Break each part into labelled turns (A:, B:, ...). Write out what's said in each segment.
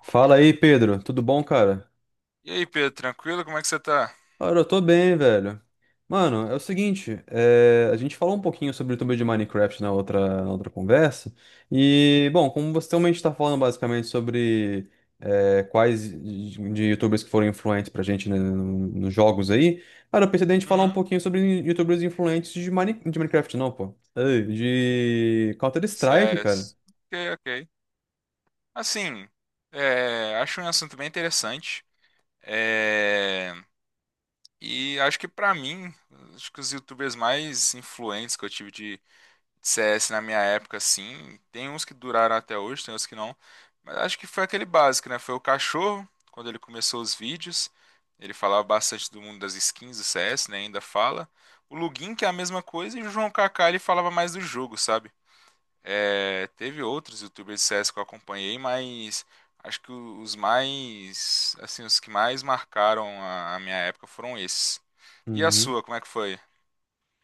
A: Fala aí, Pedro. Tudo bom, cara?
B: E aí, Pedro, tranquilo? Como é que você tá?
A: Cara, eu tô bem, velho. Mano, é o seguinte, a gente falou um pouquinho sobre o YouTube de Minecraft na outra conversa. E, bom, como você também está falando basicamente sobre quais de YouTubers que foram influentes pra gente, né? Nos jogos aí, cara, eu pensei da gente falar um
B: Uhum.
A: pouquinho sobre YouTubers influentes de Minecraft, não, pô. Ei, de Counter-Strike, cara.
B: Cés. Ok, ok. Assim, é, Acho um assunto bem interessante. É, e acho que pra mim, acho que os YouTubers mais influentes que eu tive de CS na minha época, assim, tem uns que duraram até hoje, tem uns que não. Mas acho que foi aquele básico, né? Foi o Cachorro, quando ele começou os vídeos. Ele falava bastante do mundo das skins do CS, né? Ainda fala. O Lugin, que é a mesma coisa, e o João Kaká, ele falava mais do jogo, sabe? É, teve outros youtubers de CS que eu acompanhei, mas acho que os mais, assim, os que mais marcaram a minha época foram esses. E a sua, como é que foi?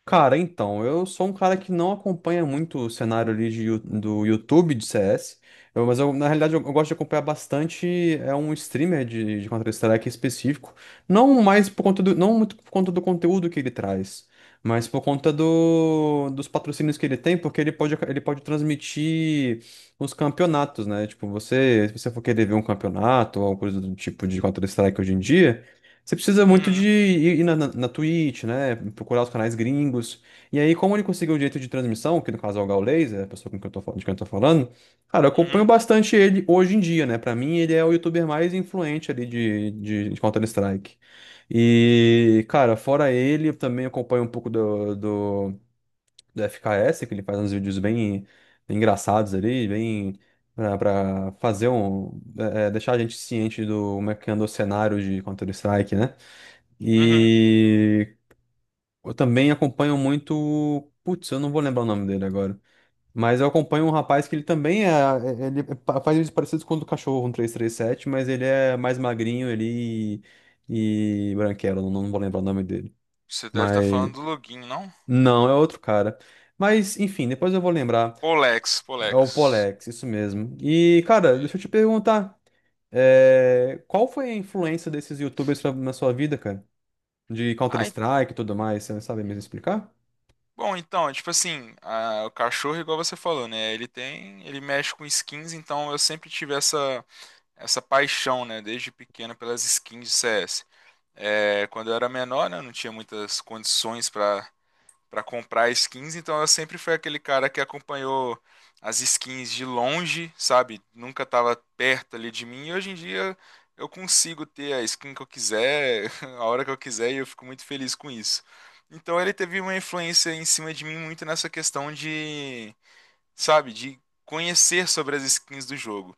A: Cara, então, eu sou um cara que não acompanha muito o cenário ali do YouTube de CS, mas na realidade eu gosto de acompanhar bastante um streamer de Counter-Strike específico, não mais por conta do, não muito por conta do conteúdo que ele traz, mas por conta dos patrocínios que ele tem, porque ele pode transmitir os campeonatos, né? Tipo, se você for querer ver um campeonato ou alguma coisa do tipo de Counter-Strike hoje em dia, você precisa muito de
B: Uhum,
A: ir na Twitch, né? Procurar os canais gringos. E aí, como ele conseguiu o direito de transmissão, que no caso é o Gaules, é a pessoa com quem eu tô, fal- de quem eu tô falando, cara. Eu acompanho
B: uhum,
A: bastante ele hoje em dia, né? Pra mim, ele é o youtuber mais influente ali de Counter-Strike. E, cara, fora ele, eu também acompanho um pouco do FKS, que ele faz uns vídeos bem, bem engraçados ali, bem. Pra fazer um. É, é, deixar a gente ciente do como é que anda o cenário de Counter-Strike, né?
B: uhum.
A: E eu também acompanho muito. Putz, eu não vou lembrar o nome dele agora. Mas eu acompanho um rapaz que ele também faz vídeos parecidos com o do Cachorro, um 337, mas ele é mais magrinho ali e branquelo. Não, não vou lembrar o nome dele.
B: Você deve estar
A: Mas.
B: falando do Login, não?
A: Não, é outro cara. Mas, enfim, depois eu vou lembrar.
B: Polex,
A: É o
B: Polex.
A: Polex, isso mesmo. E, cara, deixa eu te perguntar, qual foi a influência desses YouTubers na sua vida, cara? De
B: Ai,
A: Counter-Strike e tudo mais, você sabe mesmo explicar?
B: bom, então, é tipo assim, a- o cachorro, igual você falou, né? Ele tem, ele mexe com skins, então eu sempre tive essa paixão, né, desde pequeno pelas skins de CS. É, quando eu era menor, né, eu não tinha muitas condições para comprar skins, então eu sempre fui aquele cara que acompanhou as skins de longe, sabe? Nunca tava perto ali de mim. E hoje em dia eu consigo ter a skin que eu quiser, a hora que eu quiser, e eu fico muito feliz com isso. Então ele teve uma influência em cima de mim muito nessa questão de, sabe, de conhecer sobre as skins do jogo.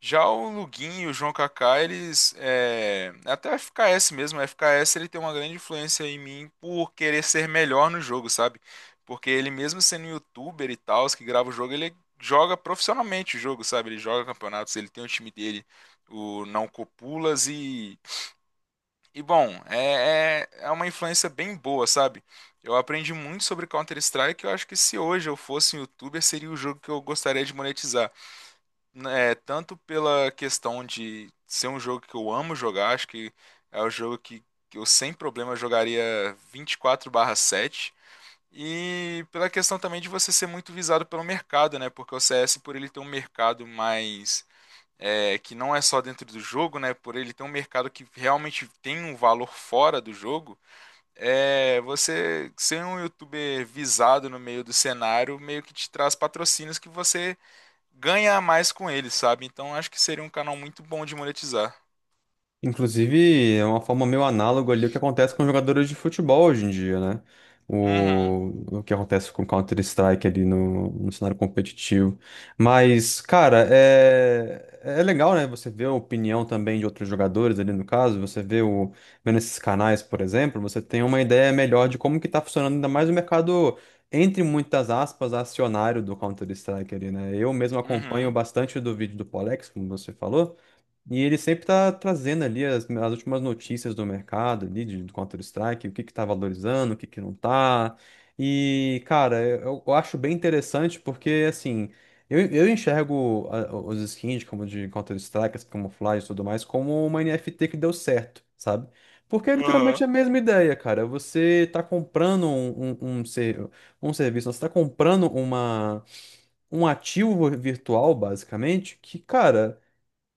B: Já o Luguinho e o João Kaká, eles. É... Até o FKS mesmo, o FKS ele tem uma grande influência em mim por querer ser melhor no jogo, sabe? Porque ele, mesmo sendo youtuber e tal, os que grava o jogo, ele joga profissionalmente o jogo, sabe? Ele joga campeonatos, ele tem o time dele, o Não Copulas, e. E bom, é uma influência bem boa, sabe? Eu aprendi muito sobre Counter-Strike. Eu acho que se hoje eu fosse um youtuber, seria o jogo que eu gostaria de monetizar. É, tanto pela questão de ser um jogo que eu amo jogar, acho que é o jogo que eu sem problema jogaria 24/7 e pela questão também de você ser muito visado pelo mercado, né? Porque o CS, por ele ter um mercado mais. É, que não é só dentro do jogo, né? Por ele ter um mercado que realmente tem um valor fora do jogo, é, você ser um youtuber visado no meio do cenário meio que te traz patrocínios que você ganha a mais com ele, sabe? Então acho que seria um canal muito bom de monetizar.
A: Inclusive, é uma forma meio análoga ali o que acontece com jogadores de futebol hoje em dia, né?
B: Uhum,
A: O que acontece com Counter-Strike ali no cenário competitivo. Mas, cara, é legal, né? Você vê a opinião também de outros jogadores ali no caso. Você vê o, vendo esses canais, por exemplo, você tem uma ideia melhor de como que tá funcionando ainda mais o mercado, entre muitas aspas, acionário do Counter-Strike ali, né? Eu mesmo acompanho
B: uhum,
A: bastante do vídeo do Polex, como você falou. E ele sempre tá trazendo ali as últimas notícias do mercado ali, do Counter-Strike, o que que tá valorizando, o que que não tá. E, cara, eu acho bem interessante porque, assim, eu enxergo os skins como de Counter-Strike, as camuflagens e tudo mais, como uma NFT que deu certo, sabe? Porque é literalmente
B: aham,
A: a mesma ideia, cara. Você tá comprando um serviço, você tá comprando um ativo virtual, basicamente, que, cara,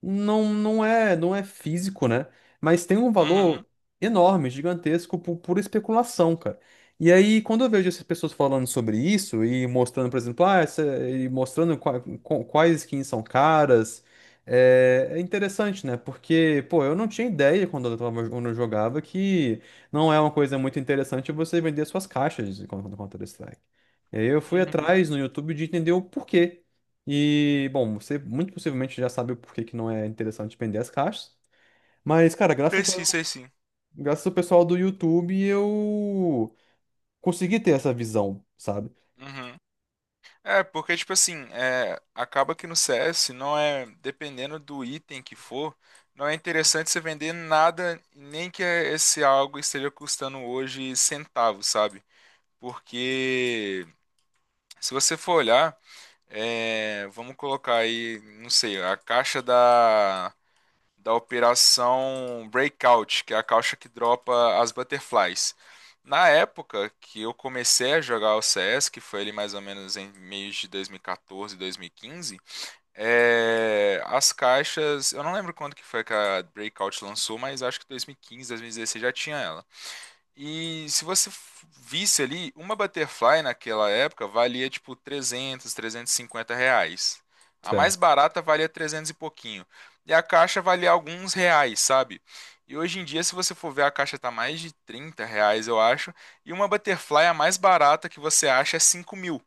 A: não, não é físico, né? Mas tem um valor
B: uhum,
A: enorme, gigantesco, por pura especulação, cara. E aí, quando eu vejo essas pessoas falando sobre isso e mostrando, por exemplo, ah, essa, e mostrando quais skins são caras, é interessante, né? Porque, pô, eu não tinha ideia quando eu jogava que não é uma coisa muito interessante você vender suas caixas no Counter-Strike. E aí eu fui
B: uhum.
A: atrás no YouTube de entender o porquê. E, bom, você muito possivelmente já sabe o porquê que não é interessante vender as caixas. Mas, cara,
B: Sei sim, sei sim.
A: graças ao pessoal do YouTube, eu consegui ter essa visão, sabe?
B: Uhum. É, porque, tipo assim, acaba que no CS não é, dependendo do item que for, não é interessante você vender nada, nem que esse algo esteja custando hoje centavos, sabe? Porque se você for olhar, vamos colocar aí, não sei, a caixa da operação Breakout, que é a caixa que dropa as butterflies. Na época que eu comecei a jogar o CS, que foi ali mais ou menos em meio de 2014, 2015, as caixas, eu não lembro quando que foi que a Breakout lançou, mas acho que 2015, 2016 já tinha ela. E se você visse ali, uma butterfly naquela época valia tipo 300, 350 reais. A mais
A: Certo.
B: barata valia 300 e pouquinho. E a caixa valia alguns reais, sabe? E hoje em dia, se você for ver, a caixa tá mais de 30 reais, eu acho. E uma butterfly, a mais barata que você acha, é 5 mil.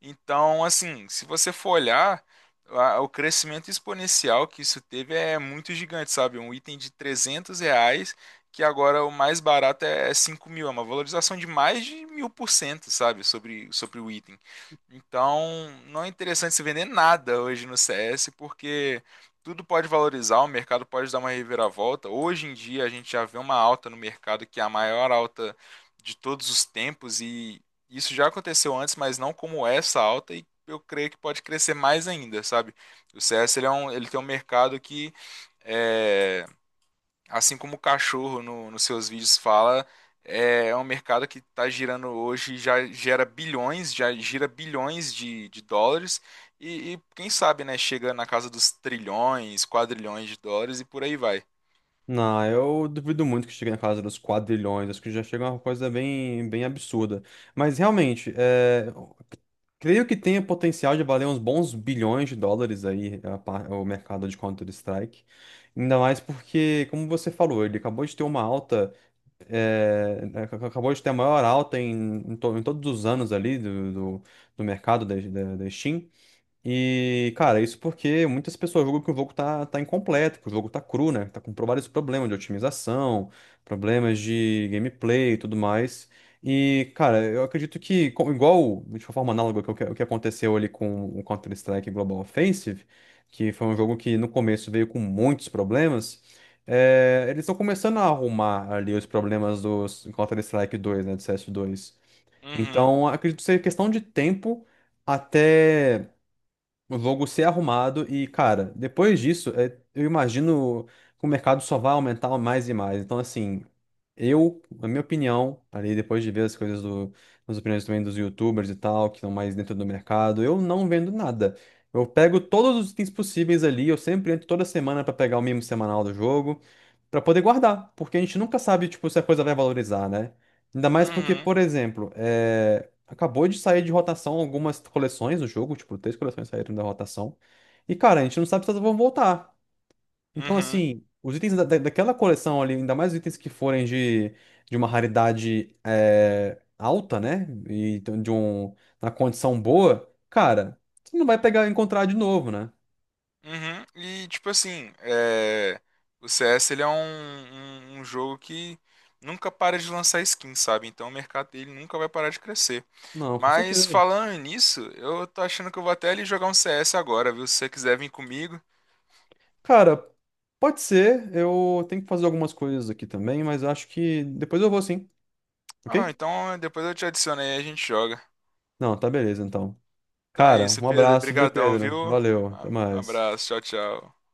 B: Então, assim, se você for olhar, o crescimento exponencial que isso teve é muito gigante, sabe? Um item de 300 reais que agora o mais barato é 5 mil, é uma valorização de mais de 1000%, sabe, sobre o item. Então, não é interessante se vender nada hoje no CS, porque tudo pode valorizar, o mercado pode dar uma reviravolta. Hoje em dia, a gente já vê uma alta no mercado que é a maior alta de todos os tempos, e isso já aconteceu antes, mas não como essa alta, e eu creio que pode crescer mais ainda, sabe? O CS ele é um, ele tem um mercado que. É, assim como o cachorro no, nos seus vídeos fala, é um mercado que está girando hoje, já gera bilhões, já gira bilhões de dólares, e quem sabe, né, chega na casa dos trilhões, quadrilhões de dólares e por aí vai.
A: Não, eu duvido muito que chegue na casa dos quadrilhões. Acho que já chega uma coisa bem, bem absurda. Mas realmente, eu creio que tem o potencial de valer uns bons bilhões de dólares aí, o mercado de Counter-Strike. Ainda mais porque, como você falou, ele acabou de ter uma alta. É, ac- acabou de ter a maior alta em, em todos os anos ali do mercado da Steam. E, cara, isso porque muitas pessoas julgam que o jogo tá incompleto, que o jogo tá cru, né? Tá com vários problemas de otimização, problemas de gameplay e tudo mais. E, cara, eu acredito que, igual, de uma forma análoga, que o que aconteceu ali com o Counter-Strike Global Offensive, que foi um jogo que no começo veio com muitos problemas. É eles estão começando a arrumar ali os problemas do Counter-Strike 2, né? Do CS 2.
B: Uhum,
A: Então, acredito ser questão de tempo até o logo ser arrumado e, cara, depois disso, eu imagino que o mercado só vai aumentar mais e mais. Então, assim, eu, na minha opinião, ali depois de ver as opiniões também dos YouTubers e tal, que estão mais dentro do mercado, eu não vendo nada. Eu pego todos os itens possíveis ali, eu sempre entro toda semana pra pegar o mimo semanal do jogo, pra poder guardar, porque a gente nunca sabe, tipo, se a coisa vai valorizar, né? Ainda mais porque,
B: uhum,
A: por exemplo, acabou de sair de rotação algumas coleções do jogo, tipo, três coleções saíram da rotação. E, cara, a gente não sabe se elas vão voltar. Então,
B: uhum,
A: assim, os itens daquela coleção ali, ainda mais os itens que forem de uma raridade, alta, né? E então, uma condição boa, cara, você não vai pegar e encontrar de novo, né?
B: uhum. E tipo assim, o CS ele é um jogo que nunca para de lançar skins, sabe? Então o mercado dele nunca vai parar de crescer.
A: Não, com
B: Mas
A: certeza.
B: falando nisso, eu tô achando que eu vou até ali jogar um CS agora, viu? Se você quiser vir comigo.
A: Cara, pode ser. Eu tenho que fazer algumas coisas aqui também, mas acho que depois eu vou sim,
B: Ah, não,
A: ok?
B: então depois eu te adiciono aí e a gente joga.
A: Não, tá beleza então.
B: Então é
A: Cara,
B: isso,
A: um
B: Pedro.
A: abraço, viu,
B: Brigadão,
A: Pedro?
B: viu?
A: Valeu, até
B: A-
A: mais.
B: Abraço, tchau, tchau.